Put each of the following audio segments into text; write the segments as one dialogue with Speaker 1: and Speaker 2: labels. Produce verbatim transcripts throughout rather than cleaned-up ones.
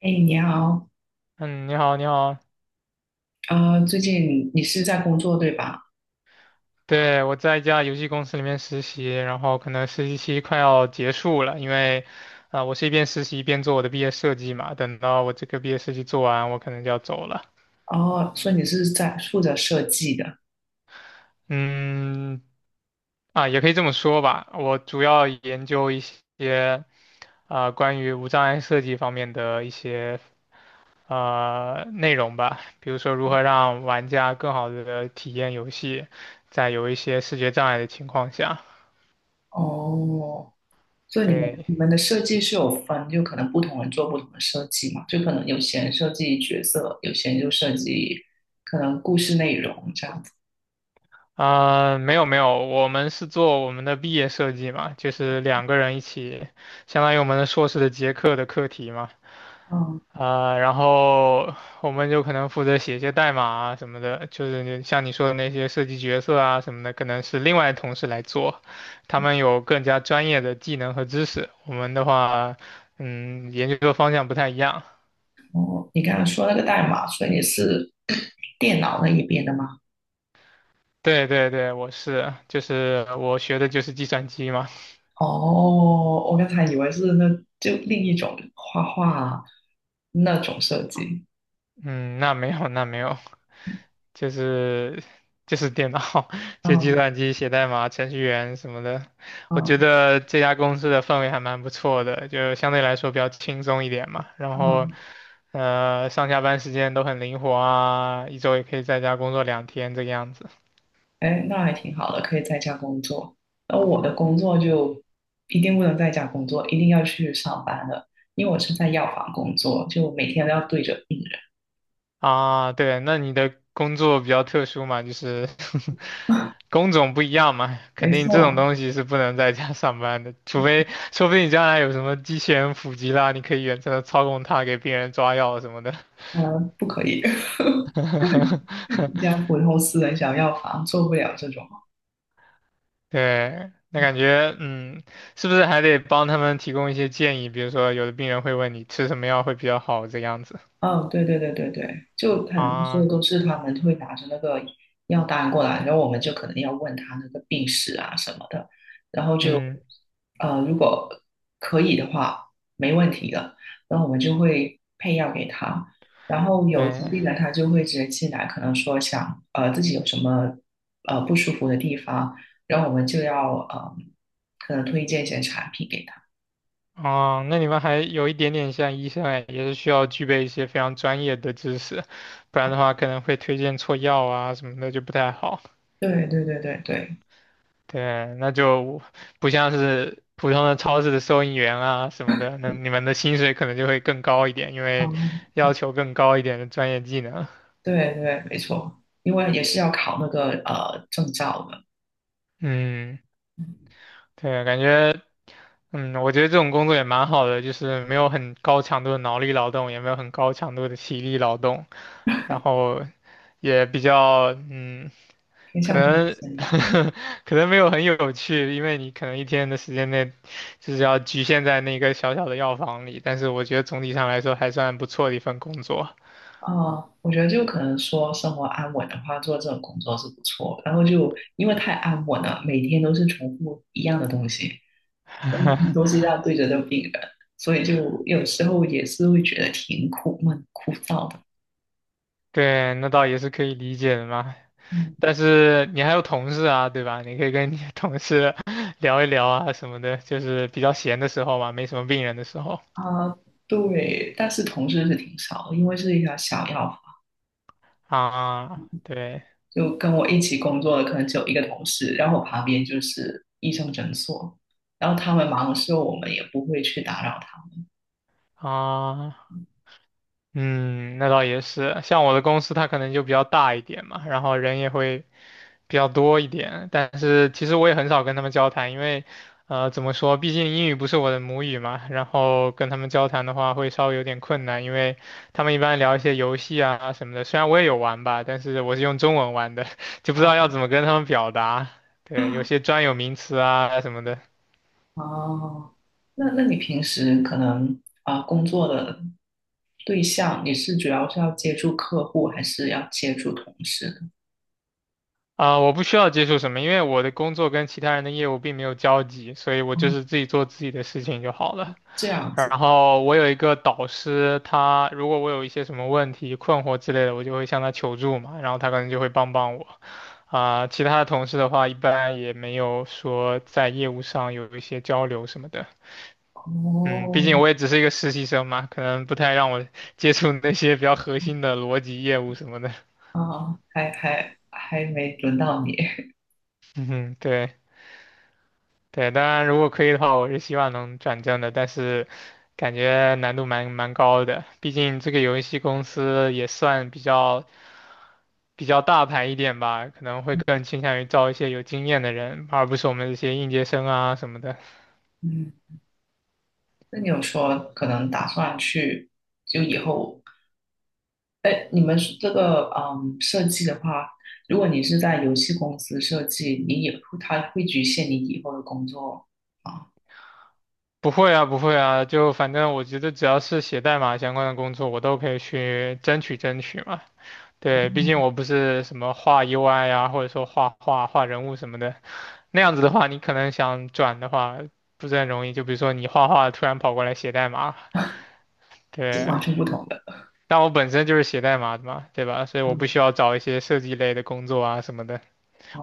Speaker 1: 哎，你好，
Speaker 2: 嗯，你好，你好，
Speaker 1: 呃，最近你是在工作对吧？
Speaker 2: 对，我在一家游戏公司里面实习，然后可能实习期快要结束了，因为，啊、我是一边实习一边做我的毕业设计嘛，等到我这个毕业设计做完，我可能就要走了。
Speaker 1: 哦，所以你是在负责设计的。
Speaker 2: 嗯，啊，也可以这么说吧，我主要研究一些啊、关于无障碍设计方面的一些呃内容吧，比如说如何让玩家更好的体验游戏，在有一些视觉障碍的情况下，
Speaker 1: 哦，所以你们
Speaker 2: 对。
Speaker 1: 你们的设计是有分，就可能不同人做不同的设计嘛，就可能有些人设计角色，有些人就设计可能故事内容这样子。
Speaker 2: 啊、没有没有，我们是做我们的毕业设计嘛，就是两个人一起，相当于我们的硕士的结课的课题嘛。
Speaker 1: 嗯。
Speaker 2: 啊、然后我们就可能负责写一些代码啊什么的，就是你像你说的那些设计角色啊什么的，可能是另外同事来做，他们有更加专业的技能和知识。我们的话，嗯，研究的方向不太一样。
Speaker 1: 哦，你刚刚说那个代码，所以你是 电脑那一边的吗？
Speaker 2: 对对对，我是，就是我学的就是计算机嘛。
Speaker 1: 哦，我刚才以为是那就另一种画画啊那种设计。
Speaker 2: 嗯，那没有那没有。就是就是电脑，就计
Speaker 1: 嗯
Speaker 2: 算机写代码、程序员什么的。我觉
Speaker 1: 嗯
Speaker 2: 得这家公司的氛围还蛮不错的，就相对来说比较轻松一点嘛。然后，
Speaker 1: 嗯。
Speaker 2: 呃，上下班时间都很灵活啊，一周也可以在家工作两天这个样子。
Speaker 1: 哎，那还挺好的，可以在家工作。而我的工作就一定不能在家工作，一定要去上班的，因为我是在药房工作，就每天都要对着病人。
Speaker 2: 啊，对，那你的工作比较特殊嘛，就是 工种不一样嘛，肯
Speaker 1: 没
Speaker 2: 定这种
Speaker 1: 错，
Speaker 2: 东西是不能在家上班的，除非说不定你将来有什么机器人普及啦，你可以远程的操控它给病人抓药什么的。
Speaker 1: 嗯，不可以，一家普通私人小药房做不了这种。
Speaker 2: 对，那感觉嗯，是不是还得帮他们提供一些建议？比如说，有的病人会问你吃什么药会比较好这样子
Speaker 1: 哦，对对对对对，就很多时候
Speaker 2: 啊，
Speaker 1: 都是他们会拿着那个药单过来，然后我们就可能要问他那个病史啊什么的，然后就
Speaker 2: 嗯，
Speaker 1: 呃，如果可以的话，没问题的，然后我们就会配药给他。然后有疾
Speaker 2: 对。
Speaker 1: 病的他就会直接进来，可能说想呃自己有什么呃不舒服的地方，然后我们就要呃可能推荐一些产品给他。
Speaker 2: 哦，那你们还有一点点像医生哎，也是需要具备一些非常专业的知识，不然的话可能会推荐错药啊什么的就不太好。
Speaker 1: 对对对对对，
Speaker 2: 对，那就不像是普通的超市的收银员啊什么的，那你们的薪水可能就会更高一点，因为
Speaker 1: 嗯。
Speaker 2: 要求更高一点的专业技能。
Speaker 1: 对对，没错，因为也是要考那个呃证照的，
Speaker 2: 嗯，
Speaker 1: 嗯
Speaker 2: 对，感觉。嗯，我觉得这种工作也蛮好的，就是没有很高强度的脑力劳动，也没有很高强度的体力劳动，然后也比较嗯，
Speaker 1: 偏
Speaker 2: 可
Speaker 1: 向中
Speaker 2: 能
Speaker 1: 心吧。
Speaker 2: 可能没有很有趣，因为你可能一天的时间内就是要局限在那个小小的药房里，但是我觉得总体上来说还算不错的一份工作。
Speaker 1: 啊，我觉得就可能说生活安稳的话，做这种工作是不错。然后就因为太安稳了，每天都是重复一样的东西，嗯都是要对着的病人，所以就有时候也是会觉得挺苦闷、枯燥的。
Speaker 2: 对，那倒也是可以理解的嘛。
Speaker 1: 嗯
Speaker 2: 但是你还有同事啊，对吧？你可以跟你的同事 聊一聊啊什么的，就是比较闲的时候嘛，没什么病人的时候
Speaker 1: 啊，对，但是同事是挺少的，因为是一条小药，
Speaker 2: 啊，对
Speaker 1: 就跟我一起工作的可能只有一个同事，然后我旁边就是医生诊所，然后他们忙的时候，我们也不会去打扰他们。
Speaker 2: 啊，嗯，那倒也是。像我的公司，它可能就比较大一点嘛，然后人也会比较多一点，但是其实我也很少跟他们交谈，因为，呃，怎么说，毕竟英语不是我的母语嘛，然后跟他们交谈的话会稍微有点困难，因为他们一般聊一些游戏啊什么的，虽然我也有玩吧，但是我是用中文玩的，就不知道要怎么跟他们表达，对，有些专有名词啊什么的。
Speaker 1: 哦，那那你平时可能啊、呃工作的对象，你是主要是要接触客户，还是要接触同事呢？
Speaker 2: 啊、我不需要接触什么，因为我的工作跟其他人的业务并没有交集，所以我就是
Speaker 1: 哦，
Speaker 2: 自己做自己的事情就好了。
Speaker 1: 这样子
Speaker 2: 然后我有一个导师，他如果我有一些什么问题、困惑之类的，我就会向他求助嘛，然后他可能就会帮帮我。啊、其他的同事的话，一般也没有说在业务上有一些交流什么的。嗯，毕
Speaker 1: 哦。
Speaker 2: 竟我也只是一个实习生嘛，可能不太让我 接触那些比较核心的逻辑业务什么的。
Speaker 1: 啊，还还还没轮到你。
Speaker 2: 嗯，对对，当然如果可以的话，我是希望能转正的，但是感觉难度蛮蛮高的，毕竟这个游戏公司也算比较。比较大牌一点吧，可能会更 倾向于招一些有经验的人，而不是我们这些应届生啊什么的。
Speaker 1: 嗯，那你有说可能打算去，就以后，哎，你们是这个嗯设计的话，如果你是在游戏公司设计，你也会，它会局限你以后的工作啊。
Speaker 2: 不会啊，不会啊，就反正我觉得只要是写代码相关的工作，我都可以去争取争取嘛。
Speaker 1: 哦，
Speaker 2: 对，毕竟我不是什么画 U I 啊，或者说画画画人物什么的，那样子的话，你可能想转的话不是很容易。就比如说你画画突然跑过来写代码，
Speaker 1: 是
Speaker 2: 对，
Speaker 1: 完全不同的。
Speaker 2: 但我本身就是写代码的嘛，对吧？所以我不
Speaker 1: 嗯。
Speaker 2: 需要找一些设计类的工作啊什么的，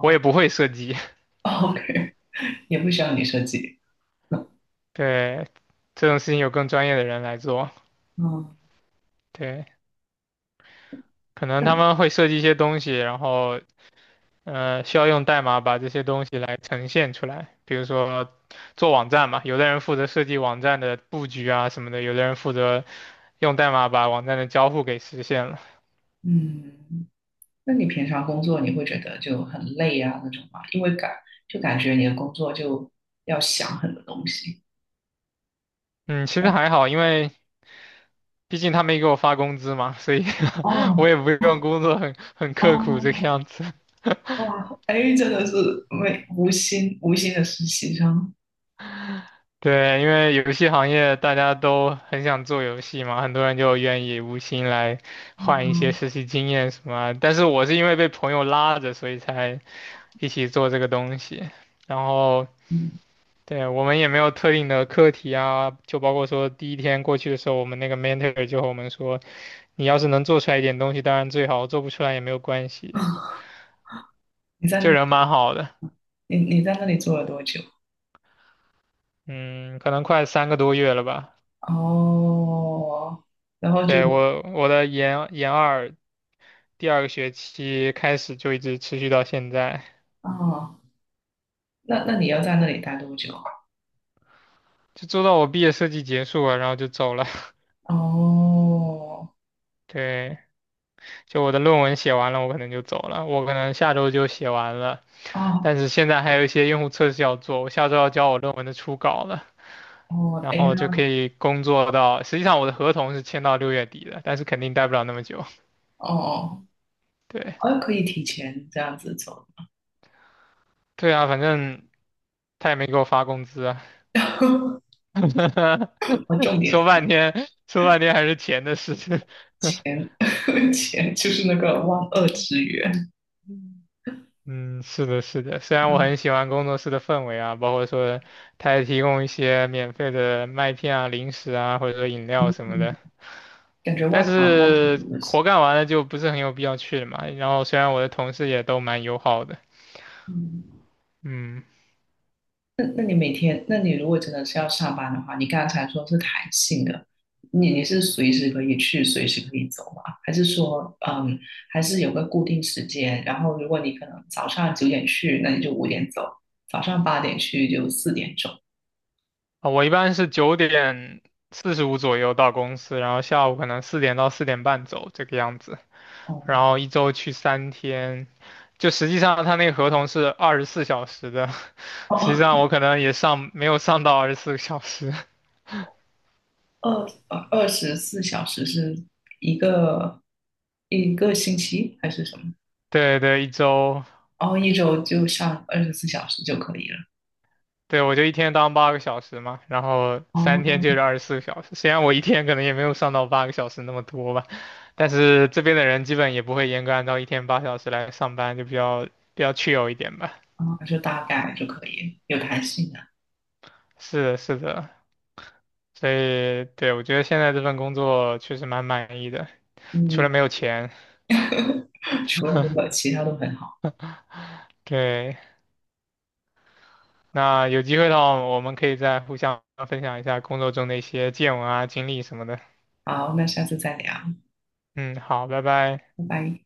Speaker 2: 我也不会设计。
Speaker 1: OK，也不需要你设计。
Speaker 2: 对，这种事情有更专业的人来做。
Speaker 1: 嗯。
Speaker 2: 对，可能他
Speaker 1: 嗯
Speaker 2: 们会设计一些东西，然后呃，需要用代码把这些东西来呈现出来。比如说做网站嘛，有的人负责设计网站的布局啊什么的，有的人负责用代码把网站的交互给实现了。
Speaker 1: 嗯，那你平常工作你会觉得就很累啊那种吗？因为感就感觉你的工作就要想很多东西。
Speaker 2: 嗯，其实还好，因为毕竟他没给我发工资嘛，所以 我
Speaker 1: 哦。
Speaker 2: 也不用工作很很刻苦这个
Speaker 1: 哦，
Speaker 2: 样子。
Speaker 1: 哇，哎，真的是没无心无心的实习生。
Speaker 2: 对，因为游戏行业大家都很想做游戏嘛，很多人就愿意无薪来换一些
Speaker 1: 哦。
Speaker 2: 实习经验什么啊但是我是因为被朋友拉着，所以才一起做这个东西。然后，
Speaker 1: 嗯，
Speaker 2: 对，我们也没有特定的课题啊，就包括说第一天过去的时候，我们那个 mentor 就和我们说，你要是能做出来一点东西，当然最好，做不出来也没有关系。
Speaker 1: 你在那
Speaker 2: 就人
Speaker 1: 里，
Speaker 2: 蛮好的，
Speaker 1: 你你在那里住了多久？
Speaker 2: 嗯，可能快三个多月了吧。
Speaker 1: 哦，然后就，
Speaker 2: 对，我我的研研二第二个学期开始就一直持续到现在，
Speaker 1: 哦，那那你要在那里待多久啊？
Speaker 2: 就做到我毕业设计结束了，然后就走了。
Speaker 1: 哦。
Speaker 2: 对，就我的论文写完了，我可能就走了，我可能下周就写完了，
Speaker 1: 哦。
Speaker 2: 但是现在还有一些用户测试要做，我下周要交我论文的初稿了，
Speaker 1: 哦，
Speaker 2: 然
Speaker 1: 哎，
Speaker 2: 后就可
Speaker 1: 那，
Speaker 2: 以工作到，实际上我的合同是签到六月底的，但是肯定待不了那么久。
Speaker 1: 哦。
Speaker 2: 对，
Speaker 1: 哦，可以提前这样子走。
Speaker 2: 对啊，反正他也没给我发工资啊，
Speaker 1: 我重 点
Speaker 2: 说
Speaker 1: 是
Speaker 2: 半天说半天还是钱的事情。
Speaker 1: 钱，钱就是那个万恶之源。
Speaker 2: 嗯，是的，是的。虽然我很喜欢工作室的氛围啊，包括说它也提供一些免费的麦片啊、零食啊，或者说饮料什么的，
Speaker 1: 嗯，感觉
Speaker 2: 但
Speaker 1: 外国好像挺
Speaker 2: 是
Speaker 1: 多的事。
Speaker 2: 活干完了就不是很有必要去了嘛。然后虽然我的同事也都蛮友好的，
Speaker 1: 嗯。
Speaker 2: 嗯，
Speaker 1: 那那你每天，那你如果真的是要上班的话，你刚才说是弹性的，你你是随时可以去，随时可以走吗？还是说，嗯，还是有个固定时间？然后如果你可能早上九点去，那你就五点走；早上八点去就四点走。
Speaker 2: 啊，我一般是九点四十五左右到公司，然后下午可能四点到四点半走这个样子。然
Speaker 1: 哦。
Speaker 2: 后一周去三天，就实际上他那个合同是二十四小时的，实际上
Speaker 1: 哦，
Speaker 2: 我可能也上没有上到二十四个小时，
Speaker 1: 二呃二十四小时是一个一个星期还是什么？
Speaker 2: 对对，一周，
Speaker 1: 哦，一周就上二十四小时就可以了。
Speaker 2: 对我就一天当八个小时嘛，然后三天
Speaker 1: 哦。
Speaker 2: 就是二十四个小时，虽然我一天可能也没有上到八个小时那么多吧，但是这边的人基本也不会严格按照一天八小时来上班，就比较比较 chill 一点吧，
Speaker 1: 哦，就大概就可以，有弹性的。
Speaker 2: 是的，是的。所以，对，我觉得现在这份工作确实蛮满意的，除了
Speaker 1: 嗯，
Speaker 2: 没有钱。
Speaker 1: 除了这个，其他都很好。
Speaker 2: 对，那有机会的话，我们可以再互相分享一下工作中的一些见闻啊、经历什么的。
Speaker 1: 好，那下次再聊。
Speaker 2: 嗯，好，拜拜。
Speaker 1: 拜拜。